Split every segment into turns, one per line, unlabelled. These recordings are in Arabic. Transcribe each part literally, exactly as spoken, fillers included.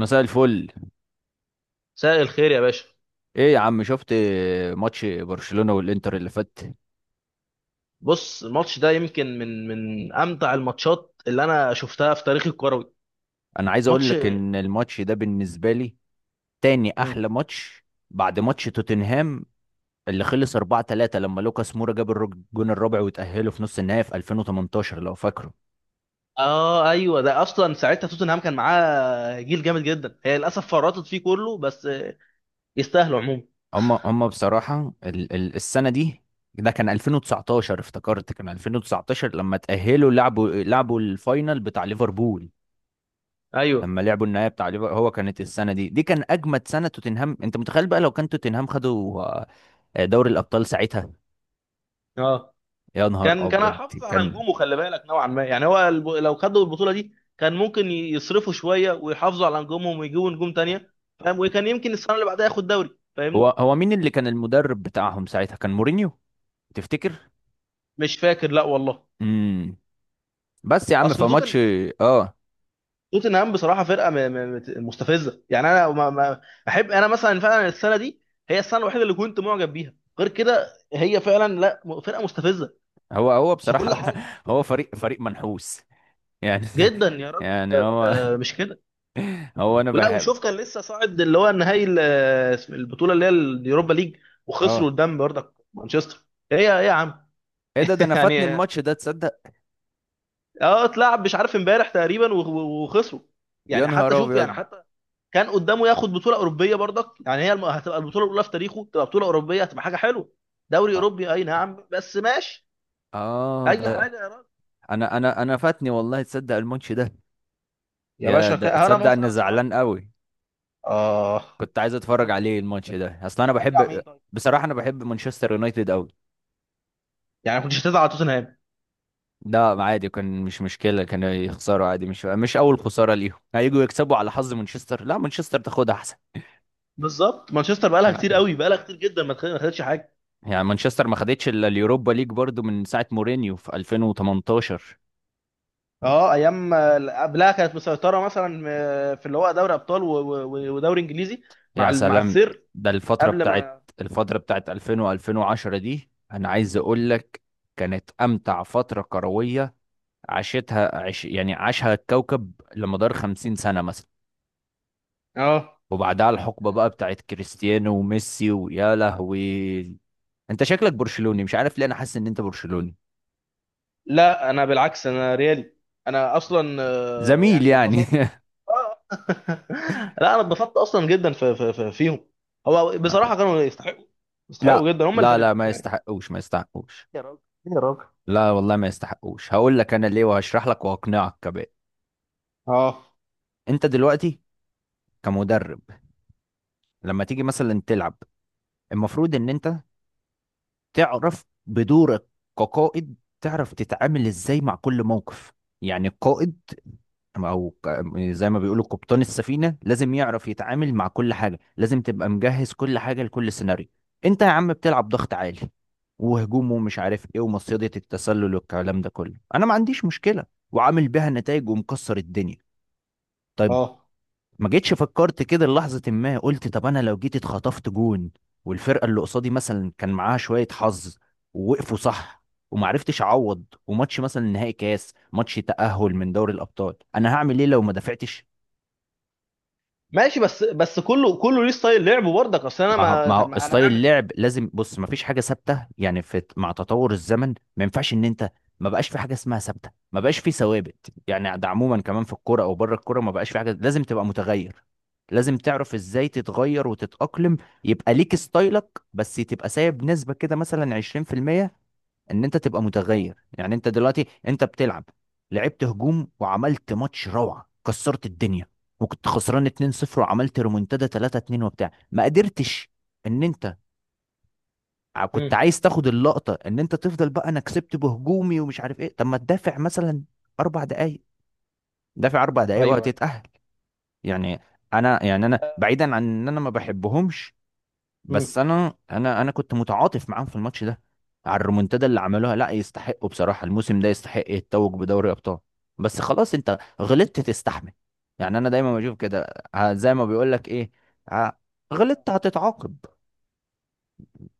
مساء الفل.
مساء الخير يا باشا.
ايه يا عم، شفت ماتش برشلونة والانتر اللي فات؟
بص الماتش ده يمكن من من امتع الماتشات اللي انا شفتها في تاريخي الكروي.
انا عايز اقول
ماتش.
لك ان الماتش ده بالنسبة لي تاني
مم.
احلى ماتش بعد ماتش توتنهام اللي خلص اربعة ثلاثة، لما لوكاس مورا جاب الرج- الجون الرابع وتأهلوا في نص النهائي في الفين وتمنتاشر، لو فاكره.
اه، ايوه، ده اصلا ساعتها توتنهام كان معاه جيل جامد جدا، هي للاسف فرطت فيه كله بس آه، يستاهلوا عموما.
هم هم بصراحة ال ال السنة دي، ده كان الفين وتسعتاشر، افتكرت كان الفين وتسعتاشر لما تأهلوا لعبوا لعبوا الفاينل بتاع ليفربول،
ايوه.
لما لعبوا النهائي بتاع ليفر- هو كانت السنه دي دي كان اجمد سنه توتنهام. انت متخيل بقى لو كان توتنهام خدوا آه، دوري الابطال ساعتها؟
اه.
يا نهار
كان كان
ابيض
هيحافظ على
كان.
نجومه، خلي بالك، نوعا ما. يعني هو الب... لو خدوا البطوله دي كان ممكن ي- يصرفوا شويه ويحافظوا على نجومهم ويجيبوا نجوم تانية. فاهم، وكان يمكن السنه اللي بعدها ياخد دوري.
هو
فاهمني.
هو مين اللي كان المدرب بتاعهم ساعتها؟ كان مورينيو، تفتكر؟
مش فاكر، لا والله.
امم بس يا عم في
اصل
ماتش.
توتن
اه
توتنهام بصراحه فرقه م- م- مت- مستفزه. يعني انا ما ما احب، انا مثلا فعلا السنه دي هي السنه الوحيده اللي كنت معجب بيها. غير كده هي فعلا لا، م- فرقه مستفزه
هو هو
في كل
بصراحه
حاجه.
هو فريق فريق منحوس يعني،
جدا يا راجل.
يعني هو
آه، مش كده؟
هو انا
ولا
بحب.
وشوف، كان لسه صاعد، اللي هو النهائي ال- آه، اسم- البطوله اللي هي اليوروبا ليج،
اه
وخسروا قدام برضك مانشستر. ايه يا ايه يا عم.
ايه ده ده انا فاتني
يعني،
الماتش ده، تصدق؟
اه، اتلعب مش عارف امبارح تقريبا و- و- وخسروا.
يا
يعني
نهار
حتى شوف، يعني
ابيض.
حتى كان قدامه ياخد بطوله اوروبيه برضك. يعني هي الم- هتبقى البطوله الاولى في تاريخه، تبقى بطوله اوروبيه، هتبقى حاجه حلوه. دوري
اه
اوروبي، اي نعم، بس ماشي.
آه،
اي
ده
حاجه يا راجل.
انا انا انا فاتني والله، تصدق الماتش ده؟
يا
يا
باشا، ك...
ده
انا
تصدق
بص،
اني
انا
زعلان
اتفرجت.
قوي.
اه.
كنت عايز اتفرج
كنت.
عليه الماتش ده، اصل انا
هتشجع
بحب.
مين طيب؟
بصراحه انا بحب مانشستر يونايتد قوي.
يعني كنتش هتزعل على توتنهام.
لا عادي، كان مش مشكله، كانوا يخسروا عادي، مش مش اول خساره ليهم، هيجوا يكسبوا على حظ مانشستر؟ لا مانشستر تاخدها احسن.
بالظبط، مانشستر بقالها كتير قوي، بقالها كتير جدا ما خد- ما خدتش حاجه.
يعني مانشستر ما خدتش الا اليوروبا ليج برضو من ساعه مورينيو في الفين وتمنتاشر.
اه، ايام، آه، قبلها كانت مسيطره مثلا، آه، في اللي هو دوري ابطال و- و- و- ودوري انجليزي، مع
يا
ال- مع
سلام.
السير،
ده الفتره
قبل
بتاعت
ما.
الفتره بتاعت الفين و2010 دي، انا عايز اقول لك كانت امتع فتره كرويه عاشتها، عش يعني عاشها الكوكب لمدار خمسين سنة مثلا.
اه،
وبعدها الحقبة بقى بتاعت كريستيانو وميسي، ويا لهوي. انت شكلك برشلوني، مش عارف ليه، انا حاسس ان انت برشلوني.
لا انا بالعكس انا ريالي. انا اصلا آه،
زميل
يعني
يعني
اتبسطت آه. لا انا اتبسطت اصلا جدا في في في فيهم. هو بصراحه كانوا يستحقوا،
لا
يستحقوا جدا هم
لا لا
الفرقتين
ما
يعني.
يستحقوش، ما يستحقوش.
يا راجل. يا راجل.
لا والله ما يستحقوش، هقول لك انا ليه وهشرح لك وهقنعك كمان.
اه.
انت دلوقتي كمدرب، لما تيجي مثلا تلعب، المفروض ان انت تعرف بدورك كقائد، تعرف تتعامل ازاي مع كل موقف. يعني القائد او ك- زي ما بيقولوا قبطان السفينه لازم يعرف يتعامل مع كل حاجه، لازم تبقى مجهز كل حاجه لكل سيناريو. انت يا عم بتلعب ضغط عالي وهجوم ومش عارف ايه ومصيدة التسلل والكلام ده كله، انا ما عنديش مشكله، وعامل بيها نتائج ومكسر الدنيا، طيب.
اه.
ما جيتش فكرت كده لحظه ما قلت طب انا لو جيت اتخطفت جون والفرقه اللي قصادي مثلا كان معاها شويه حظ ووقفوا صح، ومعرفتش اعوض، وماتش مثلا نهائي كاس، ماتش تأهل من دوري الابطال، انا هعمل ايه لو ما دافعتش؟
ماشي، بس بس كله كله ليه ستايل لعبه برضك. اصل انا
ما هو-
ما،
ما
طب
هو
ما انا
ستايل
اعمل ايه؟
اللعب، لازم بص ما فيش حاجه ثابته، يعني في مع تطور الزمن ما ينفعش ان انت، ما بقاش في حاجه اسمها ثابته، ما بقاش في ثوابت. يعني ده عموما كمان في الكوره او بره الكوره، ما بقاش في حاجه، لازم تبقى متغير، لازم تعرف ازاي تتغير وتتأقلم، يبقى ليك ستايلك بس تبقى سايب نسبة كده مثلا عشرين في المية ان انت تبقى
اه.
متغير. يعني انت دلوقتي انت بتلعب، لعبت هجوم وعملت ماتش روعه، كسرت الدنيا، وكنت خسران اتنين صفر وعملت ريمونتادا تلاتة اتنين وبتاع، ما قدرتش ان انت ع-
امم.
كنت عايز تاخد اللقطه ان انت تفضل بقى انا كسبت بهجومي ومش عارف ايه، طب ما تدافع مثلا اربع دقائق، دافع اربع دقائق
ايوه، ايوه.
وهتتاهل. يعني انا، يعني انا بعيدا عن ان انا ما بحبهمش،
امم.
بس انا انا انا كنت متعاطف معاهم في الماتش ده، على الريمونتادا اللي عملوها. لا يستحقوا بصراحه، الموسم ده يستحق يتوج بدوري ابطال، بس خلاص انت غلطت تستحمل. يعني انا دايما بشوف كده، ه- زي ما بيقول لك ايه، ه- غلطت هتتعاقب.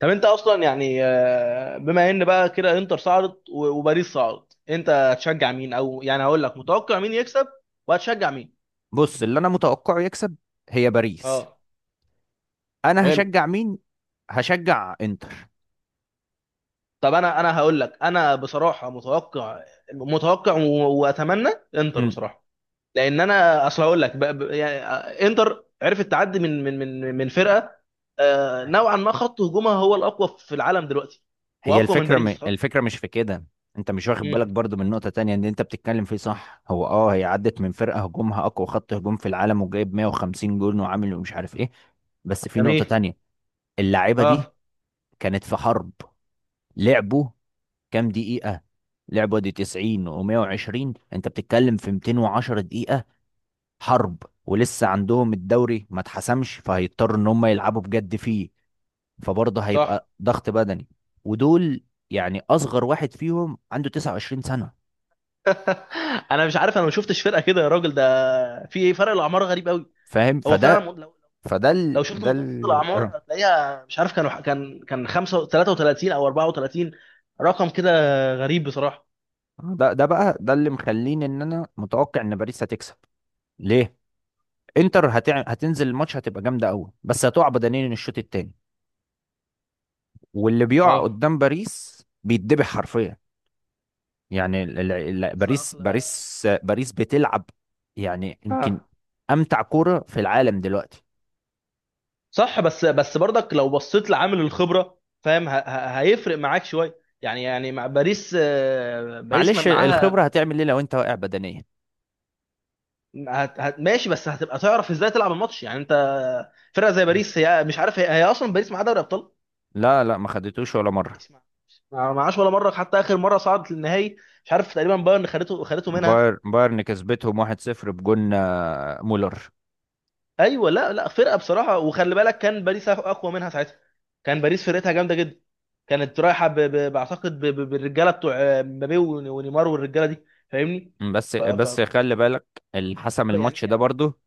طب انت اصلا يعني، آه، بما ان بقى كده انتر صعدت و- وباريس صعدت، انت هتشجع مين؟ او يعني هقول لك متوقع مين يكسب وهتشجع مين.
بص اللي انا متوقعه يكسب هي باريس.
اه.
انا
حلو.
هشجع مين؟ هشجع انتر.
طب انا انا هقول لك، انا بصراحه متوقع، متوقع و- واتمنى انتر
مم.
بصراحه. لان انا، اصل هقول لك، ب- ب- يعني آه، انتر عرفت تعدي من من من من فرقه، آه، نوعا ما، خط هجومها هو الاقوى في العالم دلوقتي،
هي
واقوى من
الفكرة م...
باريس خط.
الفكرة مش في كده، انت مش واخد بالك
مم.
برضو من نقطة تانية ان انت بتتكلم فيه صح. هو اه، هي عدت من فرقة هجومها اقوى خط هجوم في العالم، وجايب مية وخمسين جون وعامل ومش عارف ايه، بس في نقطة
جميل.
تانية. اللعيبة دي
اه.
كانت في حرب، لعبوا كام دقيقة؟ لعبوا دي تسعين و120، انت بتتكلم في ميتين وعشرة دقيقة حرب، ولسه عندهم الدوري ما اتحسمش، فهيضطروا ان هم يلعبوا بجد فيه، فبرضه
صح.
هيبقى ضغط بدني. ودول يعني اصغر واحد فيهم عنده تسعة وعشرين سنة.
انا مش عارف، انا ما شفتش فرقه كده يا راجل ده. في ايه؟ فرق الاعمار غريب قوي.
فاهم؟
هو
فده
فعلا،
فده ال...
لو شفت
ده
متوسط
ال... آه.
الاعمار هتلاقيها، مش عارف، كانوا، كان كان خمسة ثلاثة وثلاثين او اربعة وثلاثين، رقم كده. غريب بصراحه.
ده ده بقى ده اللي مخليني ان انا متوقع ان باريس هتكسب. ليه؟ انتر هتع... هتنزل الماتش هتبقى جامدة قوي بس هتقع بدنيا الشوط التاني، واللي بيقع
اه،
قدام باريس بيتذبح حرفيا. يعني ال... ال... ال-
اصل
باريس
اصل
باريس باريس بتلعب يعني يمكن
اه،
امتع كورة في العالم دلوقتي.
صح، بس بس برضك لو بصيت لعامل الخبره، فاهم؟ ه- ه- هيفرق معاك شويه، يعني يعني مع باريس، آه، باريس ما-
معلش الخبرة
معاها.
هتعمل ايه لو انت واقع بدنيا؟
هت- هت- ماشي، بس هتبقى تعرف ازاي تلعب الماتش يعني. انت فرقه زي باريس؟ هي مش عارف، هي, هي اصلا باريس معاها دوري ابطال.
لا لا، ما خدتوش ولا مرة.
اسمع، ما معاش ولا مره، حتى اخر مره صعدت للنهائي، مش عارف، تقريبا بايرن خدته، خدته منها.
باير بايرن كسبتهم واحد صفر بجون آه، مولر.
ايوه. لا، لا، فرقه بصراحه، وخلي بالك كان باريس اقوى منها ساعتها. كان باريس فرقتها جامده جدا، كانت رايحه ب... ب... بعتقد ب... ب... بالرجاله بتوع آه، مبابي ون- ونيمار والرجاله دي، فاهمني.
بس
ف... ف...
بس خلي بالك، اللي حسم
يعني
الماتش ده
يعني
برضو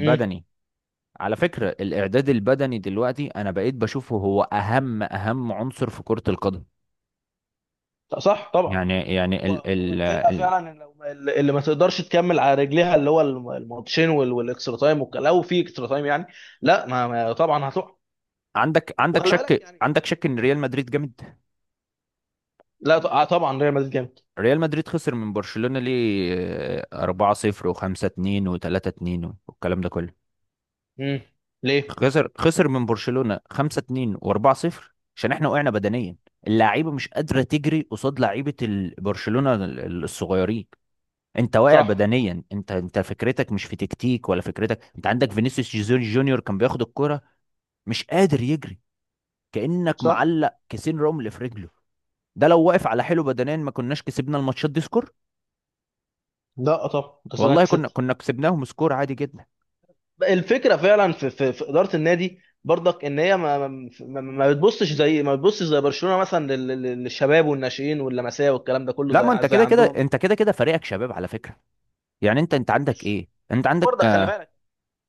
امم.
على فكرة الإعداد البدني دلوقتي أنا بقيت بشوفه هو أهم أهم عنصر في كرة القدم.
صح طبعا.
يعني يعني ال
هو هو
ال
الفرقه
ال
فعلا، لو ما- اللي ما تقدرش تكمل على رجليها، اللي هو الم- الماتشين وال- والاكسترا تايم والك- لو في اكسترا تايم يعني. لا ما... ما طبعا هتقع.
عندك عندك
وخلي بالك
شك
يعني.
عندك شك إن ريال مدريد جامد؟
لا، ط- آه، طبعا ريال مدريد جامد.
ريال مدريد خسر من برشلونة ليه؟ آه، أربعة صفر و5-اتنين و3-اتنين والكلام ده كله.
امم. ليه؟
خسر خسر من برشلونة خمسة اتنين و4-صفر عشان احنا وقعنا بدنيا. اللعيبه مش قادره تجري قصاد لعيبه ال- برشلونة ال- ال- الصغيرين. انت واقع
صح.
بدنيا، انت انت فكرتك مش في تكتيك ولا فكرتك. انت عندك فينيسيوس جيزون جونيور كان بياخد الكرة مش قادر يجري، كأنك
صح.
معلق كيسين رمل في رجله. ده لو واقف على حيله بدنيا ما كناش كسبنا الماتشات دي سكور،
لا، طب، بس انا
والله كنا
كسبت.
كنا كسبناهم سكور عادي جدا.
الفكره فعلا في, في, في اداره النادي برضك، ان هي ما, ما, ما ما بتبصش زي ما بتبصش، زي برشلونه مثلا لل- لل- للشباب والناشئين واللمسيه والكلام ده كله،
لا ما انت
زي زي
كده كده،
عندهم.
انت كده كده فريقك شباب على فكرة. يعني انت انت عندك
مش،
ايه، انت عندك،
برضك خلي بالك.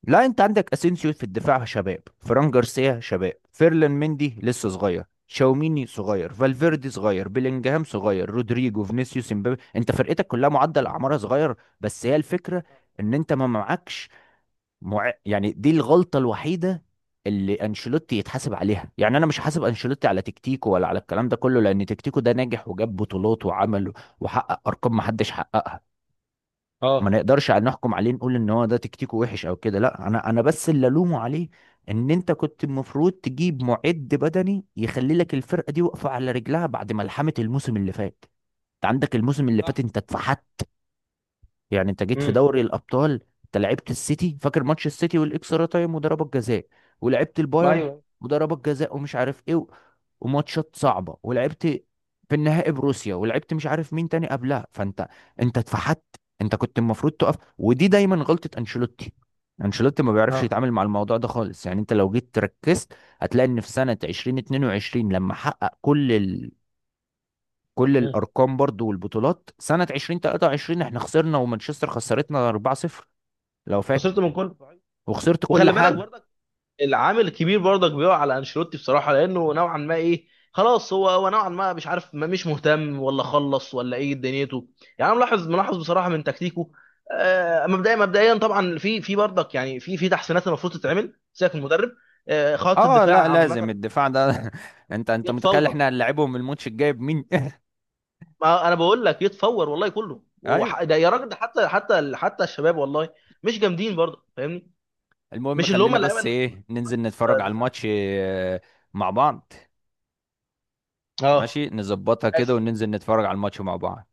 لا انت عندك اسينسيو في الدفاع شباب، فران جارسيا شباب، فيرلان مندي لسه صغير، شاوميني صغير، فالفيردي صغير، بيلينجهام صغير، رودريجو فينيسيوس امبابي، انت فرقتك كلها معدل اعمارها صغير. بس هي الفكره ان انت ما معكش، مع... يعني دي الغلطه الوحيده اللي انشيلوتي يتحاسب عليها. يعني انا مش حاسب انشيلوتي على تكتيكه ولا على الكلام ده كله، لان تكتيكه ده ناجح وجاب بطولات وعمل وحقق ارقام ما حدش حققها. ما
اه.
نقدرش على نحكم عليه نقول ان هو ده تكتيكه وحش او كده، لا انا انا بس اللي الومه عليه ان انت كنت المفروض تجيب معد بدني يخلي لك الفرقه دي واقفه على رجلها بعد ملحمه الموسم اللي فات. انت عندك الموسم اللي فات
صح.
انت
صح.
اتفحت. يعني انت جيت في
امم.
دوري الابطال، انت لعبت السيتي، فاكر ماتش السيتي والاكسترا تايم وضربات جزاء، ولعبت
ما
البايرن
ايوه.
وضربات جزاء ومش عارف ايه و- وماتشات صعبه، ولعبت في النهائي بروسيا، ولعبت مش عارف مين تاني قبلها. فانت انت اتفحت، انت كنت المفروض تقف. ودي دايما غلطه انشيلوتي، انشيلوتي ما بيعرفش
اه.
يتعامل مع الموضوع ده خالص. يعني انت لو جيت ركزت هتلاقي ان في سنه الفين واتنين وعشرين لما حقق كل كل
امم.
الارقام برضو والبطولات، سنه الفين وتلاتة وعشرين احنا خسرنا ومانشستر خسرتنا اربعة صفر، لو فاكر،
خسرت من كله.
وخسرت كل
وخلي بالك
حاجه.
برضك، العامل الكبير برضك بيقع على انشيلوتي بصراحه، لانه نوعا ما، ايه، خلاص، هو هو نوعا ما مش عارف، ما، مش مهتم، ولا خلص، ولا ايه دنيته. يعني انا ملاحظ، ملاحظ بصراحه، من تكتيكه. آه، مبدئيا مبدئيا طبعا، في في برضك، يعني في في تحسينات المفروض تتعمل، سيبك من المدرب. آه، خط
اه لا،
الدفاع
لازم
عامه.
الدفاع ده انت انت متخيل
يتفور.
احنا هنلاعبهم الماتش الجاي بمين؟
ما انا بقول لك يتفور والله، كله
ايوه.
وح- ده، يا راجل، ده حتى حتى حتى الشباب والله مش جامدين برضه، فاهمني.
المهم
مش اللي هم
خلينا
اللعيبه
بس
اللي
ايه، ننزل
تقع
نتفرج على
دفاع.
الماتش آه، مع بعض.
اه.
ماشي، نظبطها كده
ماشي
وننزل نتفرج على الماتش مع بعض.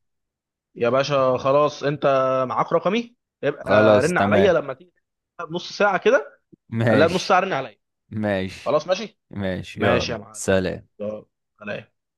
يا باشا، خلاص، انت معاك رقمي، يبقى
خلاص
رن
تمام.
عليا لما تيجي بنص ساعة كده، قبلها بنص
ماشي.
ساعة رن عليا.
ماشي.
خلاص ماشي.
ماشي،
ماشي
يلا
يا معلم.
سلام.
يلا، سلام.